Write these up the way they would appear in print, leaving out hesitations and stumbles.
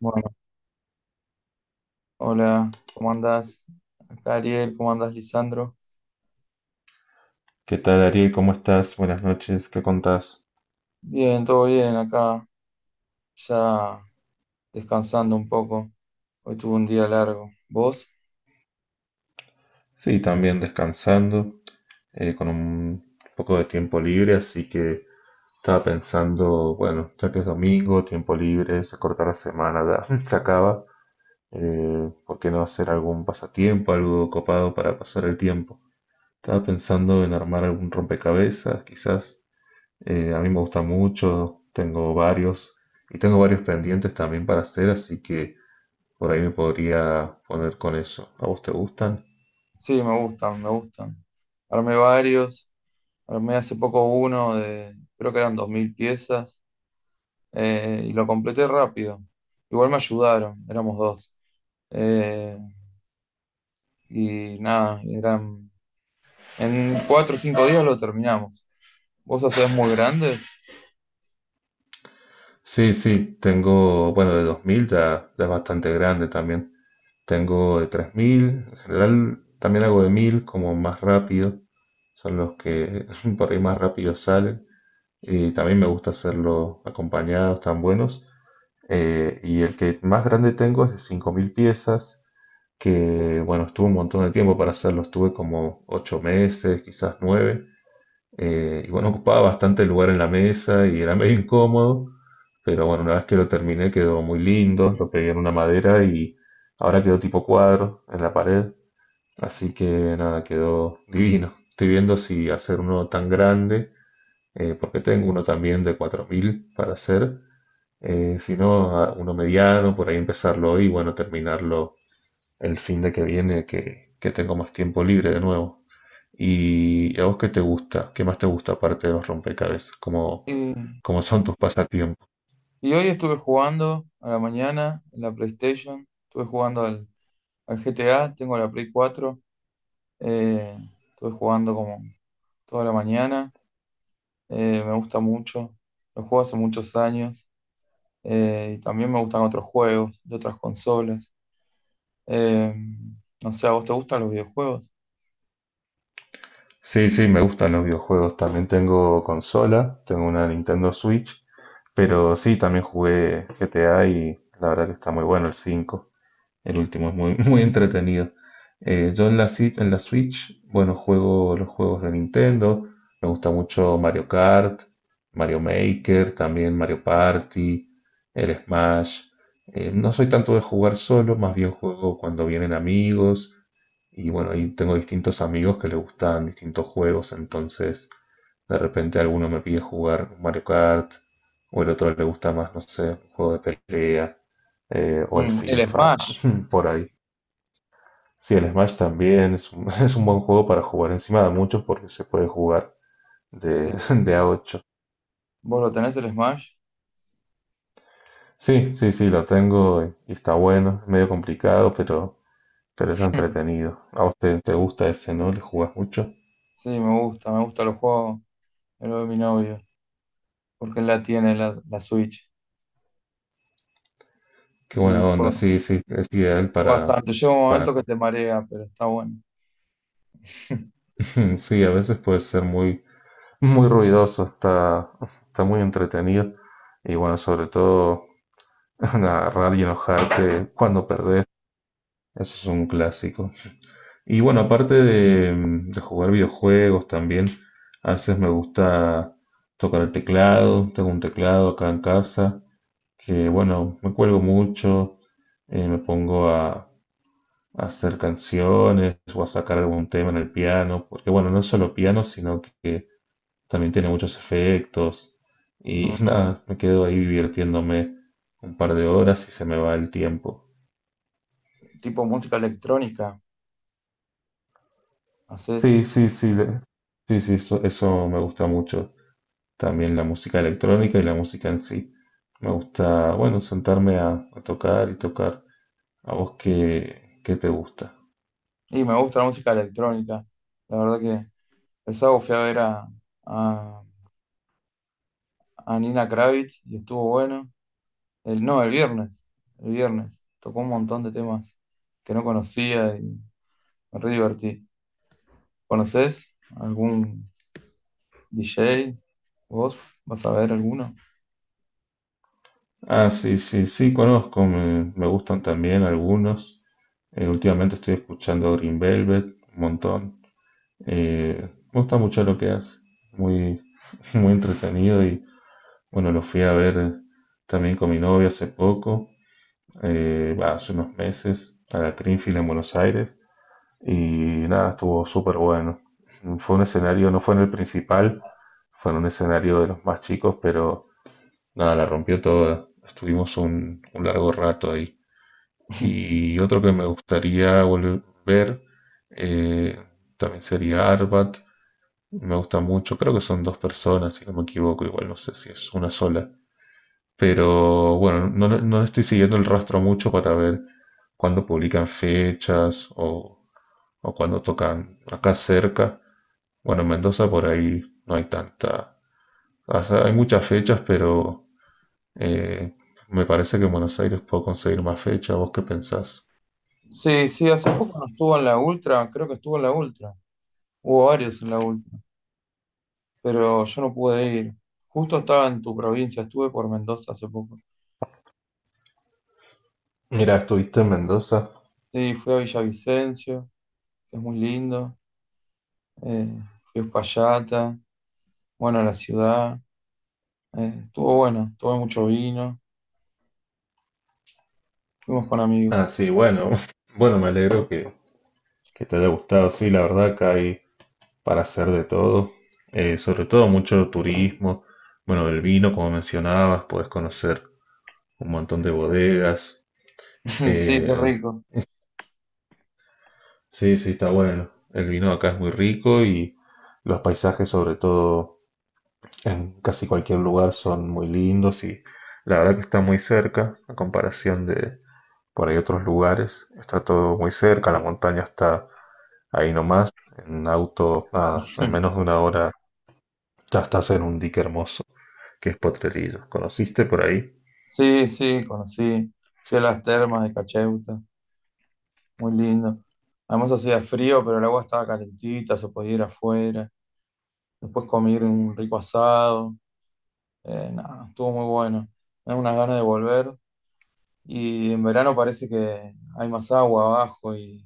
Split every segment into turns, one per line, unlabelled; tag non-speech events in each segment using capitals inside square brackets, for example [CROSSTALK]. Bueno, hola, ¿cómo andás? Acá Ariel, ¿cómo andás, Lisandro?
¿Qué tal, Ariel? ¿Cómo estás? Buenas noches, ¿qué contás?
Bien, todo bien, acá ya descansando un poco. Hoy tuve un día largo. ¿Vos?
Sí, también descansando, con un poco de tiempo libre, así que estaba pensando, bueno, ya que es domingo, tiempo libre, se corta la semana, ya [LAUGHS] se acaba, ¿por qué no hacer algún pasatiempo, algo copado para pasar el tiempo? Estaba pensando en armar algún rompecabezas, quizás. A mí me gusta mucho, tengo varios y tengo varios pendientes también para hacer, así que... Por ahí me podría poner con eso. ¿A vos te gustan?
Sí, me gustan, me gustan. Armé varios, armé hace poco uno de, creo que eran 2000 piezas, y lo completé rápido. Igual me ayudaron, éramos dos. Eh, y nada, en 4 o 5 días lo terminamos. ¿Vos hacés muy grandes?
Sí, sí, tengo, bueno, de 2000 ya, ya es bastante grande también. Tengo de 3000. En general también hago de 1000, como más rápido. Son los que [LAUGHS] por ahí más rápido salen. Y también me gusta hacerlo acompañados, tan buenos. Y el que más grande tengo es de 5000 piezas, que bueno, estuvo un montón de tiempo para hacerlo. Estuve como 8 meses, quizás 9. Y bueno, ocupaba bastante lugar en la mesa y era medio incómodo, pero bueno, una vez que lo terminé quedó muy lindo, lo pegué en una madera y ahora quedó tipo cuadro en la pared, así que nada, quedó divino. Estoy viendo si hacer uno tan grande, porque tengo uno también de 4000 para hacer, si no, uno mediano, por ahí empezarlo hoy y bueno, terminarlo el fin de que viene, que tengo más tiempo libre de nuevo. ¿Y a vos qué te gusta? ¿Qué más te gusta aparte de los rompecabezas?
Y
¿Cómo son tus pasatiempos?
Y hoy estuve jugando a la mañana en la PlayStation, estuve jugando al GTA, tengo la Play 4, eh, estuve jugando como toda la mañana. Me gusta mucho, lo juego hace muchos años. Y también me gustan otros juegos de otras consolas. Eh, no sé, ¿a vos te gustan los videojuegos?
Sí, sí, me gustan los videojuegos. También tengo consola, tengo una Nintendo Switch, pero sí, también jugué GTA y la verdad que está muy bueno el 5. El último es muy, [LAUGHS] muy entretenido. Yo en la, en la Switch, bueno, juego los juegos de Nintendo. Me gusta mucho Mario Kart, Mario Maker, también Mario Party, el Smash. No soy tanto de jugar solo, más bien juego cuando vienen amigos. Y bueno, ahí tengo distintos amigos que les gustan distintos juegos, entonces de repente alguno me pide jugar Mario Kart, o el otro le gusta más, no sé, un juego de pelea, o el
Mm, el
FIFA.
Smash,
Hmm, por ahí. Sí, el Smash también es un, [LAUGHS] es un buen juego para jugar encima de muchos porque se puede jugar de, [LAUGHS]
sí.
de a 8.
¿Vos lo tenés el Smash?
Sí, sí, sí, lo tengo y está bueno, es medio complicado, pero es entretenido. A vos te gusta ese, ¿no? Le jugás mucho.
Sí, me gusta, los juegos, el de mi novio, porque él la tiene la Switch.
Qué buena
y
onda, sí, sí, es ideal
Bastante. Llega un
para...
momento que te marea, pero está bueno. [LAUGHS]
[LAUGHS] Sí, a veces puede ser muy, muy ruidoso, está, está muy entretenido. Y bueno, sobre todo [LAUGHS] agarrar y enojarte cuando perdés, eso es un clásico. Y bueno, aparte de jugar videojuegos también, a veces me gusta tocar el teclado. Tengo un teclado acá en casa que, bueno, me cuelgo mucho, me pongo a hacer canciones o a sacar algún tema en el piano, porque, bueno, no es solo piano, sino que también tiene muchos efectos. Y [LAUGHS]
Mm.
nada, me quedo ahí divirtiéndome un par de horas y se me va el tiempo.
Tipo música electrónica, haces.
Sí, sí, sí, sí, sí, eso me gusta mucho. También la música electrónica y la música en sí. Me gusta, bueno, sentarme a tocar y tocar. ¿A vos qué, qué te gusta?
Y me gusta la música electrónica. La verdad que el sábado fui a ver a, a Nina Kravitz y estuvo bueno. El, no, el viernes. El viernes. Tocó un montón de temas que no conocía y me re divertí. ¿Conoces algún DJ? ¿Vos vas a ver alguno?
Ah, sí, sí, sí, conozco, me gustan también algunos. Últimamente estoy escuchando Green Velvet un montón. Me gusta mucho lo que hace, muy, [LAUGHS] muy entretenido y bueno, lo fui a ver también con mi novia hace poco, hace unos meses, a la Greenfield en Buenos Aires. Y nada, estuvo súper bueno. Fue un escenario, no fue en el principal, fue en un escenario de los más chicos, pero nada, la rompió toda. Estuvimos un largo rato ahí.
[LAUGHS]
Y otro que me gustaría volver a ver eh, también sería Arbat. Me gusta mucho, creo que son dos personas, si no me equivoco, igual no sé si es una sola. Pero bueno, no, no le estoy siguiendo el rastro mucho para ver cuándo publican fechas o cuando tocan acá cerca. Bueno, en Mendoza por ahí no hay tanta... o sea, hay muchas fechas, pero eh, me parece que en Buenos Aires puedo conseguir más fechas. ¿Vos qué pensás?
Sí, sí, hace poco no estuvo en la Ultra, creo que estuvo en la Ultra. Hubo varios en la Ultra, pero yo no pude ir. Justo estaba en tu provincia, estuve por Mendoza hace poco.
Mira, estuviste en Mendoza.
Sí, fui a Villavicencio, que es muy lindo. Fui a Uspallata, bueno, a la ciudad. Estuvo bueno, tomé mucho vino, fuimos con
Ah,
amigos.
sí, bueno. [LAUGHS] Bueno, me alegro que te haya gustado. Sí, la verdad que hay para hacer de todo. Sobre todo mucho turismo. Bueno, del vino, como mencionabas, podés conocer un montón de bodegas.
[LAUGHS] Sí, qué
Eh,
rico.
Sí, sí, está bueno. El vino acá es muy rico y los paisajes, sobre todo en casi cualquier lugar, son muy lindos y la verdad que está muy cerca a comparación de por ahí otros lugares. Está todo muy cerca, la montaña está ahí nomás, en auto, nada, en
[LAUGHS]
menos de una hora ya estás en un dique hermoso, que es Potrerillos. ¿Conociste por ahí?
Sí, sí, conocí. Fui a las termas de Cacheuta, muy lindo. Además hacía frío, pero el agua estaba calentita, se podía ir afuera. Después comí un rico asado. Nada, estuvo muy bueno. Tengo unas ganas de volver. Y en verano parece que hay más agua abajo y,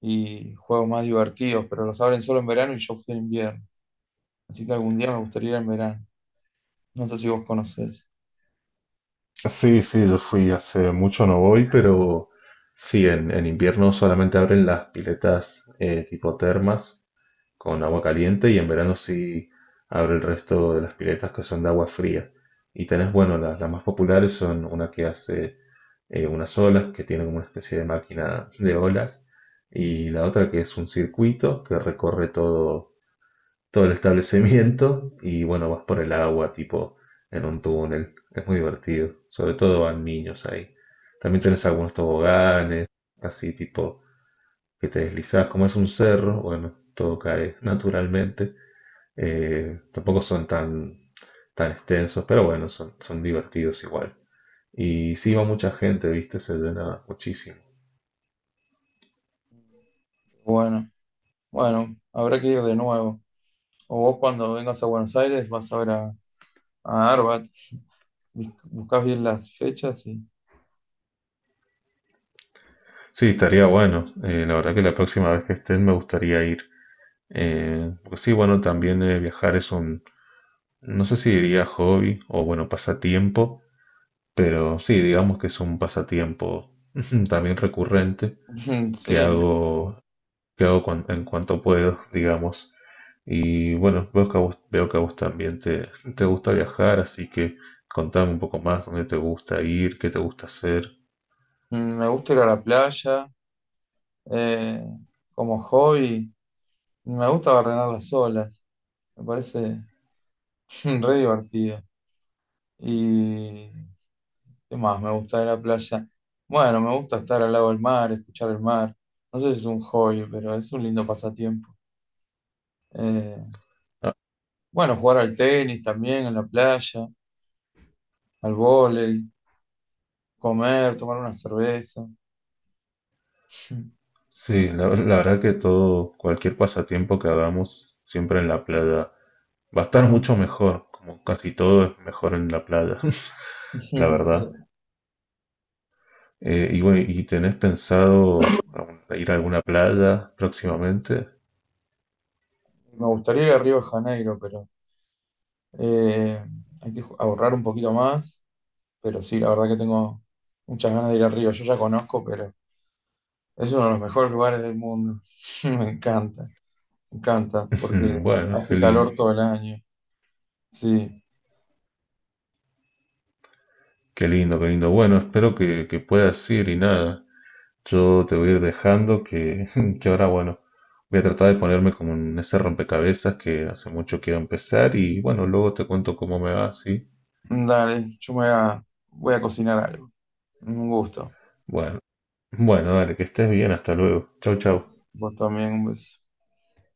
y juegos más divertidos, pero los abren solo en verano y yo fui en invierno. Así que algún día me gustaría ir en verano. No sé si vos conocés.
Sí, sí, yo fui hace mucho, no voy, pero sí, en invierno solamente abren las piletas tipo termas con agua caliente y en verano sí abre el resto de las piletas que son de agua fría. Y tenés, bueno, las más populares son una que hace unas olas, que tiene como una especie de máquina de olas, y la otra que es un circuito que recorre todo, todo el establecimiento y bueno, vas por el agua tipo en un túnel. Es muy divertido, sobre todo van niños ahí. También tenés algunos toboganes, así tipo que te deslizás, como es un cerro, bueno, todo cae naturalmente. Tampoco son tan, tan extensos, pero bueno, son, son divertidos igual. Y sí va mucha gente, viste, se llena muchísimo.
Bueno, bueno, habrá que ir de nuevo. O vos cuando vengas a Buenos Aires vas a ver a Arbat. Buscás bien las fechas. Y...
Sí, estaría bueno. La verdad que la próxima vez que estén me gustaría ir. Porque sí, bueno, también viajar es un, no sé si diría hobby o bueno, pasatiempo, pero sí, digamos que es un pasatiempo [LAUGHS] también recurrente
[LAUGHS]
que
Sí,
hago en cuanto puedo, digamos. Y bueno, veo que a vos también te gusta viajar, así que contame un poco más dónde te gusta ir, qué te gusta hacer.
me gusta ir a la playa. eh, Como hobby, me gusta barrenar las olas. Me parece [LAUGHS] re divertido. Y ¿qué más me gusta de la playa? Bueno, me gusta estar al lado del mar, escuchar el mar. No sé si es un hobby, pero es un lindo pasatiempo. Eh,
Ah,
bueno, jugar al tenis también en la playa, al vóley, comer, tomar una cerveza. [LAUGHS]
sí, la verdad que todo, cualquier pasatiempo que hagamos, siempre en la playa, va a estar mucho mejor, como casi todo es mejor en la playa, [LAUGHS]
Sí,
la
me
verdad. Y bueno, ¿y tenés pensado ir a alguna playa próximamente?
gustaría ir a Río de Janeiro, pero eh, hay que ahorrar un poquito más. Pero sí, la verdad que tengo muchas ganas de ir a Río. Yo ya conozco, pero es uno de los mejores lugares del mundo. [LAUGHS] Me encanta, me encanta,
[LAUGHS]
porque
Mm, bueno, qué
hace
lindo.
calor todo el año. Sí,
Qué lindo, qué lindo. Bueno, espero que puedas ir y nada. Yo te voy a ir dejando que, [LAUGHS] que ahora, bueno, voy a tratar de ponerme como en ese rompecabezas que hace mucho quiero empezar y bueno, luego te cuento cómo me va, ¿sí?
dale, yo me voy a cocinar algo. Un gusto.
Bueno, bueno, dale, que estés bien, hasta luego. Chau, chau.
Vos también, un beso.